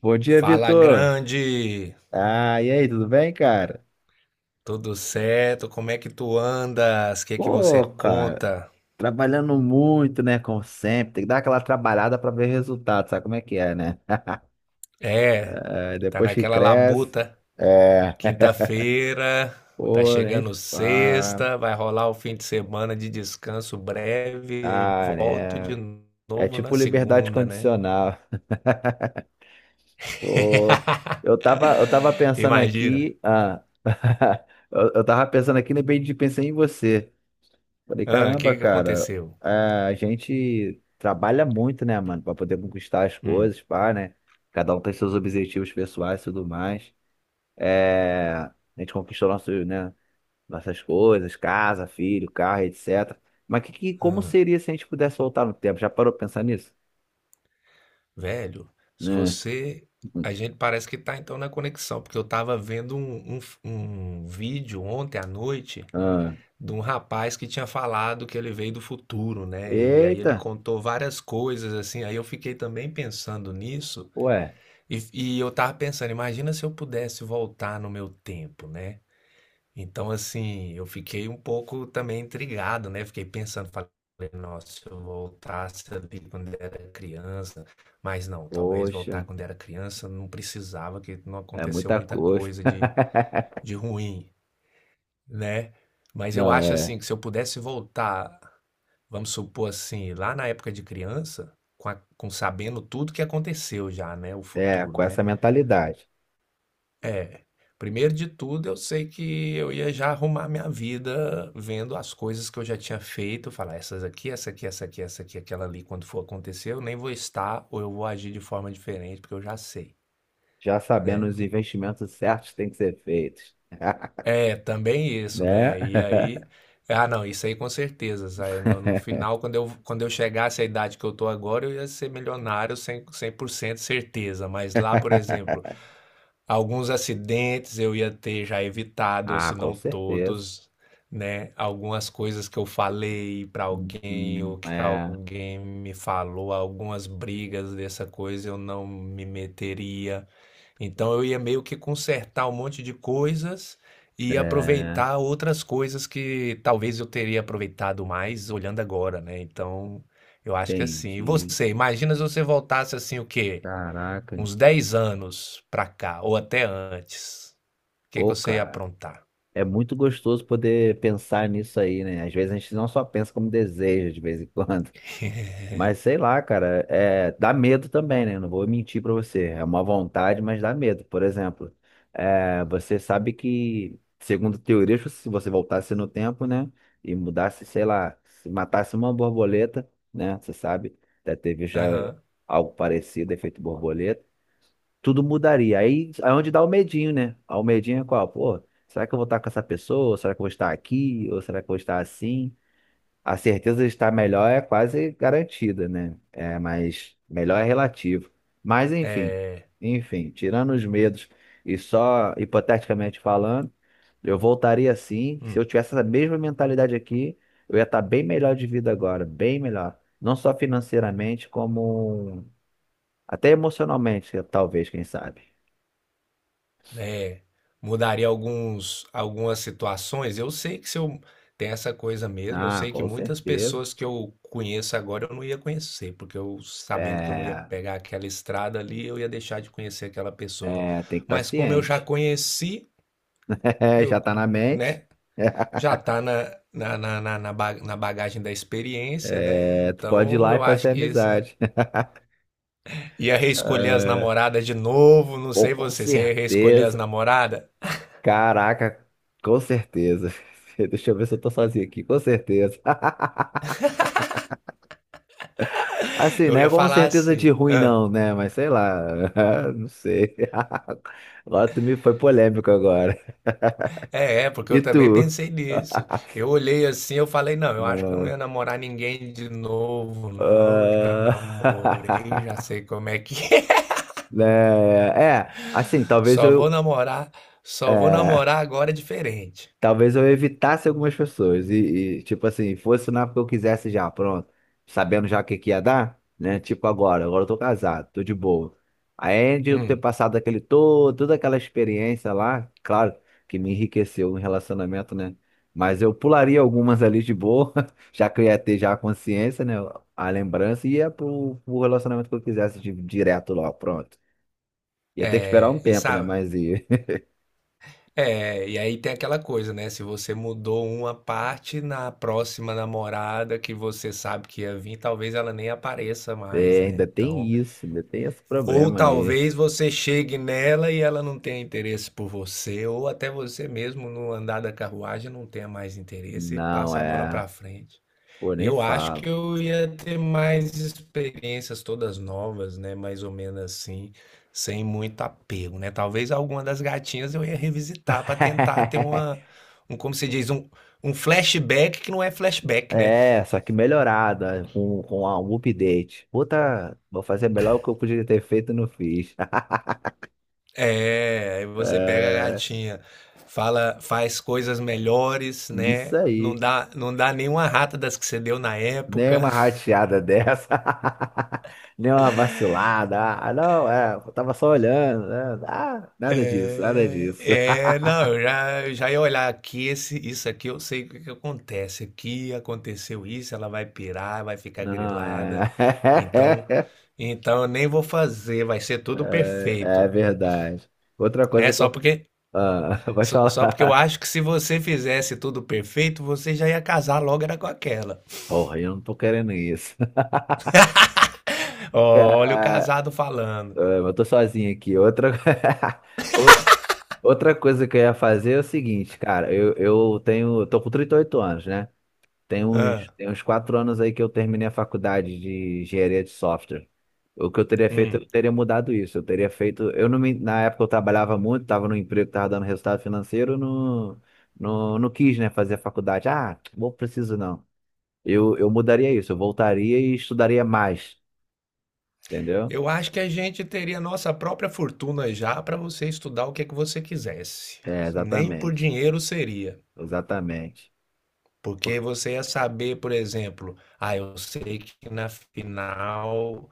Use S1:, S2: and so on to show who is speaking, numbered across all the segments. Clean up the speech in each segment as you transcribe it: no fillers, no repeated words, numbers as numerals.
S1: Bom dia,
S2: Fala
S1: Vitor.
S2: grande,
S1: E aí, tudo bem, cara?
S2: tudo certo? Como é que tu andas? O que que você
S1: Pô, cara,
S2: conta?
S1: trabalhando muito, né? Como sempre, tem que dar aquela trabalhada pra ver resultado, sabe como é que é, né?
S2: É,
S1: É,
S2: tá
S1: depois que
S2: naquela
S1: cresce,
S2: labuta.
S1: é,
S2: Quinta-feira, tá
S1: pô, nem
S2: chegando
S1: fa...
S2: sexta, vai rolar o fim de semana de descanso breve e
S1: Ah,
S2: volto
S1: né?
S2: de
S1: É
S2: novo na
S1: tipo liberdade
S2: segunda, né?
S1: condicional. Pô, eu tava, eu tava pensando
S2: Imagina.
S1: aqui, eu tava pensando aqui, de repente pensei em você. Falei,
S2: Ah, o
S1: caramba,
S2: que que
S1: cara,
S2: aconteceu?
S1: a gente trabalha muito, né, mano, pra poder conquistar as
S2: Hum,
S1: coisas, pá, né? Cada um tem seus objetivos pessoais e tudo mais. É, a gente conquistou nosso, né, nossas coisas, casa, filho, carro, etc. Mas como
S2: ah.
S1: seria se a gente pudesse voltar no tempo? Já parou pra pensar nisso?
S2: Velho, se
S1: Né?
S2: você. A gente parece que tá então na conexão, porque eu tava vendo um vídeo ontem à noite
S1: Ah,
S2: de um rapaz que tinha falado que ele veio do futuro, né? E aí ele
S1: eita,
S2: contou várias coisas, assim. Aí eu fiquei também pensando nisso,
S1: ué,
S2: e, e eu tava pensando, imagina se eu pudesse voltar no meu tempo, né? Então, assim, eu fiquei um pouco também intrigado, né? Fiquei pensando, falei, nossa, se eu voltasse ali quando era criança, mas não, talvez voltar
S1: poxa,
S2: quando era criança não precisava, que não
S1: é
S2: aconteceu
S1: muita
S2: muita
S1: coisa.
S2: coisa de ruim, né? Mas eu
S1: Não,
S2: acho
S1: é.
S2: assim que se eu pudesse voltar, vamos supor assim, lá na época de criança, com, com sabendo tudo que aconteceu já, né? O
S1: É,
S2: futuro,
S1: com essa
S2: né?
S1: mentalidade.
S2: É, primeiro de tudo, eu sei que eu ia já arrumar minha vida vendo as coisas que eu já tinha feito, falar essas aqui, essa aqui, essa aqui, essa aqui, aquela ali, quando for acontecer, eu nem vou estar ou eu vou agir de forma diferente, porque eu já sei,
S1: Já sabendo
S2: né?
S1: os investimentos certos que têm que ser feitos,
S2: É, também isso,
S1: né?
S2: né? E aí, ah, não, isso aí com certeza. Sabe? No final, quando eu chegasse à idade que eu tô agora, eu ia ser milionário 100% certeza. Mas lá, por exemplo, alguns acidentes eu ia ter já evitado, ou
S1: Ah,
S2: se
S1: com
S2: não
S1: certeza.
S2: todos, né? Algumas coisas que eu falei para alguém, ou que
S1: É,
S2: alguém me falou, algumas brigas dessa coisa eu não me meteria. Então eu ia meio que consertar um monte de coisas e
S1: é,
S2: aproveitar outras coisas que talvez eu teria aproveitado mais olhando agora, né? Então eu acho que é assim. E
S1: entendi.
S2: você, imagina se você voltasse assim o quê?
S1: Caraca,
S2: Uns 10 anos pra cá, ou até antes, o que que
S1: pô,
S2: você ia
S1: cara.
S2: aprontar?
S1: É muito gostoso poder pensar nisso aí, né? Às vezes a gente não só pensa como deseja de vez em quando. Mas sei lá, cara, é, dá medo também, né? Não vou mentir pra você. É uma vontade, mas dá medo. Por exemplo, é, você sabe que, segundo teorias, se você voltasse no tempo, né? E mudasse, sei lá, se matasse uma borboleta, né? Você sabe, até teve já
S2: Aham.
S1: algo parecido, efeito borboleta. Tudo mudaria. Aí é onde dá o medinho, né? Ah, o medinho é qual? Pô, será que eu vou estar com essa pessoa? Será que eu vou estar aqui? Ou será que eu vou estar assim? A certeza de estar melhor é quase garantida, né? É, mas melhor é relativo. Mas enfim,
S2: É,
S1: Enfim, tirando os medos e só hipoteticamente falando, eu voltaria sim. Se
S2: hum,
S1: eu tivesse essa mesma mentalidade aqui, eu ia estar bem melhor de vida agora, bem melhor. Não só financeiramente, como até emocionalmente, talvez, quem sabe.
S2: é, mudaria algumas situações. Eu sei que se eu tem essa coisa mesmo, eu
S1: Ah,
S2: sei que
S1: com
S2: muitas
S1: certeza.
S2: pessoas que eu conheço agora eu não ia conhecer, porque eu sabendo que eu não ia
S1: É,
S2: pegar aquela estrada ali, eu ia deixar de conhecer aquela pessoa.
S1: é, tem que estar
S2: Mas como eu já
S1: ciente.
S2: conheci,
S1: Já
S2: eu,
S1: está na mente.
S2: né? Já está na bagagem da experiência, né?
S1: É, tu pode ir
S2: Então
S1: lá e
S2: eu acho
S1: fazer
S2: que isso, né?
S1: amizade.
S2: Ia reescolher as
S1: É,
S2: namoradas de novo, não
S1: pô,
S2: sei
S1: com
S2: você, você ia reescolher as
S1: certeza.
S2: namoradas?
S1: Caraca, com certeza. Deixa eu ver se eu tô sozinho aqui, com certeza. Assim,
S2: Eu
S1: não é
S2: ia
S1: com
S2: falar
S1: certeza de
S2: assim,
S1: ruim,
S2: "Hã?
S1: não, né? Mas sei lá, não sei. Agora tu me foi polêmico agora.
S2: É, é, porque
S1: E
S2: eu também
S1: tu?
S2: pensei nisso. Eu olhei assim, eu falei, não, eu acho que eu não ia namorar ninguém de novo, não. Já
S1: Ah,
S2: namorei, já sei como é que é.
S1: né, é, assim, talvez
S2: Só vou
S1: eu.
S2: namorar, só vou
S1: É,
S2: namorar agora diferente.
S1: talvez eu evitasse algumas pessoas e tipo assim, fosse na época que eu quisesse já, pronto, sabendo já o que que ia dar, né? Tipo agora, agora eu tô casado, tô de boa. Aí de eu ter
S2: Hum,
S1: passado aquele todo, toda aquela experiência lá, claro que me enriqueceu no relacionamento, né? Mas eu pularia algumas ali de boa, já que eu ia ter já a consciência, né? A lembrança e ia pro relacionamento que eu quisesse direto lá, pronto. Ia ter que esperar um
S2: é, e
S1: tempo, né?
S2: sabe?
S1: Mas ia.
S2: É, e aí tem aquela coisa, né? Se você mudou uma parte na próxima namorada que você sabe que ia vir, talvez ela nem apareça mais,
S1: É,
S2: né?
S1: ainda tem
S2: Então,
S1: isso, ainda tem esse
S2: ou
S1: problema aí.
S2: talvez você chegue nela e ela não tenha interesse por você, ou até você mesmo no andar da carruagem não tenha mais interesse e
S1: Não
S2: passe a bola pra
S1: é.
S2: frente.
S1: Pô, nem
S2: Eu acho que
S1: falo.
S2: eu ia ter mais experiências todas novas, né? Mais ou menos assim, sem muito apego, né? Talvez alguma das gatinhas eu ia revisitar para tentar ter uma, como se diz, um flashback que não é flashback, né?
S1: É, só que melhorada, com um update. Puta, vou fazer melhor o que eu podia ter feito e não fiz.
S2: É, aí você pega a
S1: É,
S2: gatinha, fala, faz coisas melhores,
S1: isso
S2: né?
S1: aí.
S2: Não dá nenhuma rata das que você deu na
S1: Nem uma
S2: época.
S1: rateada dessa. Nem uma vacilada. Ah, não, é, eu tava só olhando. Né? Ah, nada disso, nada disso.
S2: Não, eu já ia olhar aqui, esse, isso aqui eu sei o que que acontece. Aqui aconteceu isso, ela vai pirar, vai ficar
S1: Não,
S2: grilada.
S1: é.
S2: Então, então eu nem vou fazer, vai ser tudo
S1: É, é
S2: perfeito,
S1: verdade. Outra coisa
S2: né?
S1: que
S2: Só
S1: eu.
S2: porque,
S1: Ah, pode
S2: só porque eu
S1: falar.
S2: acho que se você fizesse tudo perfeito, você já ia casar logo era com aquela.
S1: Porra, eu não tô querendo isso.
S2: Olha o
S1: Ah,
S2: casado falando.
S1: eu tô sozinho aqui. Outra, O- outra coisa que eu ia fazer é o seguinte, cara, eu tenho, eu tô com 38 anos, né? Tem uns,
S2: Ah,
S1: tem uns 4 anos aí que eu terminei a faculdade de engenharia de software. O que eu teria feito, eu
S2: hum.
S1: teria mudado isso. Eu teria feito, eu não me, na época eu trabalhava muito, tava no emprego, que tava dando resultado financeiro, não quis, né, fazer a faculdade. Ah, não preciso não. Eu mudaria isso, eu voltaria e estudaria mais, entendeu?
S2: Eu acho que a gente teria nossa própria fortuna já para você estudar o que é que você quisesse.
S1: É,
S2: Nem por
S1: exatamente.
S2: dinheiro seria.
S1: Exatamente.
S2: Porque você ia saber, por exemplo, ah, eu sei que na final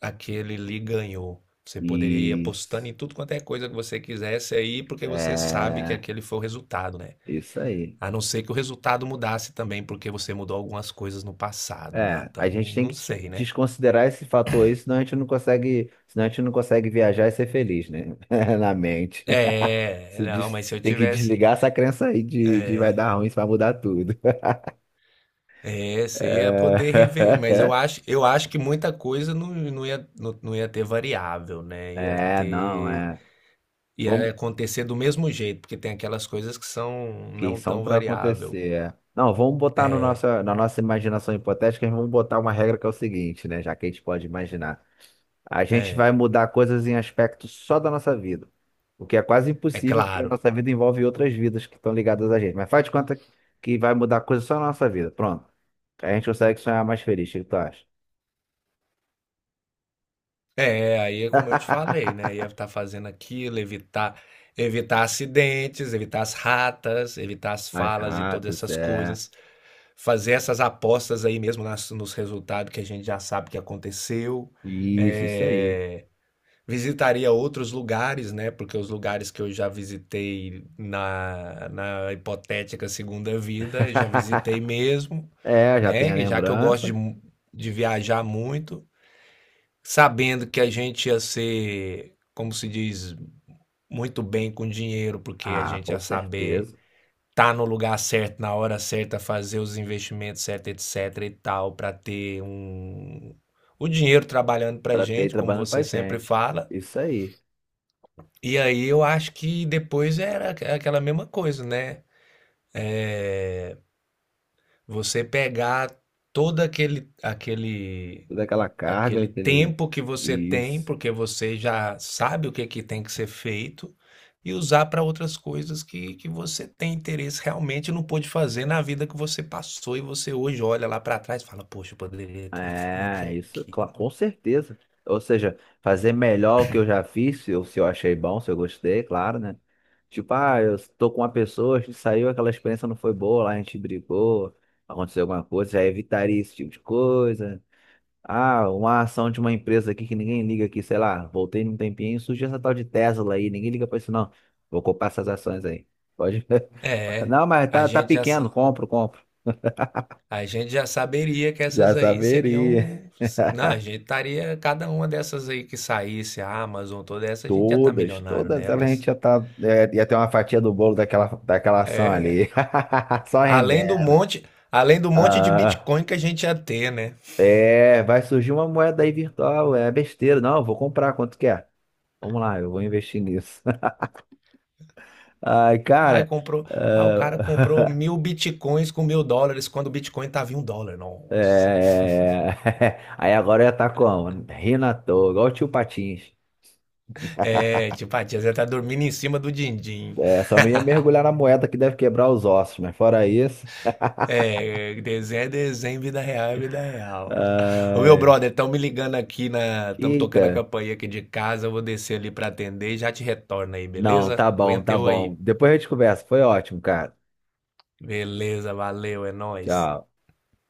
S2: aquele Lee ganhou. Você poderia ir apostando
S1: Isso.
S2: em tudo quanto é coisa que você quisesse aí, porque você sabe que
S1: É,
S2: aquele foi o resultado, né?
S1: isso aí.
S2: A não ser que o resultado mudasse também, porque você mudou algumas coisas no passado, né?
S1: É, a
S2: Então,
S1: gente tem
S2: não
S1: que
S2: sei, né?
S1: desconsiderar esse fator aí, senão a gente não consegue, senão a gente não consegue viajar e ser feliz, né? Na mente.
S2: É,
S1: Se
S2: não,
S1: des-
S2: mas se eu
S1: Tem que
S2: tivesse,
S1: desligar essa crença aí de vai dar ruim, isso vai mudar tudo.
S2: é, você ia poder rever,
S1: É,
S2: mas eu acho que muita coisa não ia, não ia ter variável, né? Ia
S1: é, não,
S2: ter
S1: é.
S2: ia
S1: Vamos...
S2: acontecer do mesmo jeito, porque tem aquelas coisas que são
S1: Que
S2: não
S1: são
S2: tão
S1: para
S2: variável.
S1: acontecer. É. Não, vamos botar no nosso, na nossa imaginação hipotética, vamos botar uma regra que é o seguinte, né? Já que a gente pode imaginar. A gente vai
S2: É,
S1: mudar coisas em aspectos só da nossa vida. O que é quase
S2: é
S1: impossível, porque a
S2: claro.
S1: nossa vida envolve outras vidas que estão ligadas a gente. Mas faz de conta que vai mudar coisas só na nossa vida. Pronto. A gente consegue sonhar mais feliz. O que tu acha?
S2: É, aí é como eu te falei, né? Ia estar fazendo aquilo, evitar, evitar acidentes, evitar as ratas, evitar as
S1: As
S2: falas e todas
S1: ratas,
S2: essas
S1: é.
S2: coisas. Fazer essas apostas aí mesmo nos resultados que a gente já sabe que aconteceu.
S1: Isso aí.
S2: É, visitaria outros lugares, né? Porque os lugares que eu já visitei na hipotética segunda vida, eu já visitei mesmo,
S1: É, já
S2: né?
S1: tem a
S2: E já que eu gosto de,
S1: lembrança.
S2: de viajar muito, sabendo que a gente ia ser, como se diz, muito bem com dinheiro, porque a
S1: Ah,
S2: gente
S1: com
S2: ia saber
S1: certeza.
S2: estar no lugar certo, na hora certa, fazer os investimentos certos, etc e tal, para ter um, o dinheiro trabalhando pra
S1: Para ter
S2: gente, como
S1: trabalhando pra
S2: você sempre
S1: gente.
S2: fala.
S1: Isso aí.
S2: E aí eu acho que depois era aquela mesma coisa, né? Você pegar todo aquele
S1: Toda aquela carga,
S2: aquele
S1: aquele.
S2: tempo que você tem,
S1: Isso.
S2: porque você já sabe o que é que tem que ser feito, e usar para outras coisas que você tem interesse realmente e não pôde fazer na vida que você passou e você hoje olha lá para trás e fala, poxa, eu poderia ter feito
S1: É, isso,
S2: aquilo.
S1: com certeza. Ou seja, fazer melhor o que eu já fiz, se eu achei bom, se eu gostei, claro, né? Tipo, ah, eu tô com uma pessoa, a gente saiu, aquela experiência não foi boa, lá a gente brigou, aconteceu alguma coisa, já evitaria esse tipo de coisa. Ah, uma ação de uma empresa aqui que ninguém liga aqui, sei lá, voltei num tempinho, surgiu essa tal de Tesla aí, ninguém liga pra isso não. Vou comprar essas ações aí. Pode. ver.
S2: É,
S1: Não, mas
S2: a
S1: tá, tá
S2: gente já, sa-
S1: pequeno, compro.
S2: a gente já saberia que
S1: Já
S2: essas aí
S1: saberia.
S2: seriam. Não, a gente estaria. Cada uma dessas aí que saísse, a Amazon, toda essa, a gente já tá
S1: Todas,
S2: milionário
S1: todas elas a gente
S2: nelas.
S1: já tá. É, ia ter uma fatia do bolo daquela, daquela ação ali. Só
S2: Além do
S1: render.
S2: monte, além do monte de
S1: Ah,
S2: Bitcoin que a gente ia ter, né?
S1: é, vai surgir uma moeda aí virtual, é besteira. Não, eu vou comprar quanto quer. Vamos lá, eu vou investir nisso. Ai,
S2: Ah,
S1: cara.
S2: comprou. Ah, o cara comprou
S1: Ah,
S2: 1.000 Bitcoins com US$ 1.000 quando o Bitcoin tava em US$ 1. Nossa.
S1: é, aí agora eu ia estar como? Rindo à toa, igual o tio Patins.
S2: É, tipo, a tia Zé tá dormindo em cima do din-din.
S1: É, só não ia mergulhar na moeda que deve quebrar os ossos, mas fora isso.
S2: É desenho, vida real é vida real. Ô meu
S1: Ai,
S2: brother, estão me ligando aqui na. Estamos tocando a
S1: eita.
S2: campainha aqui de casa. Eu vou descer ali pra atender e já te retorno aí,
S1: Não,
S2: beleza?
S1: tá bom,
S2: Aguenta
S1: tá
S2: eu
S1: bom.
S2: aí.
S1: Depois a gente conversa. Foi ótimo, cara.
S2: Beleza, valeu, é nóis.
S1: Tchau.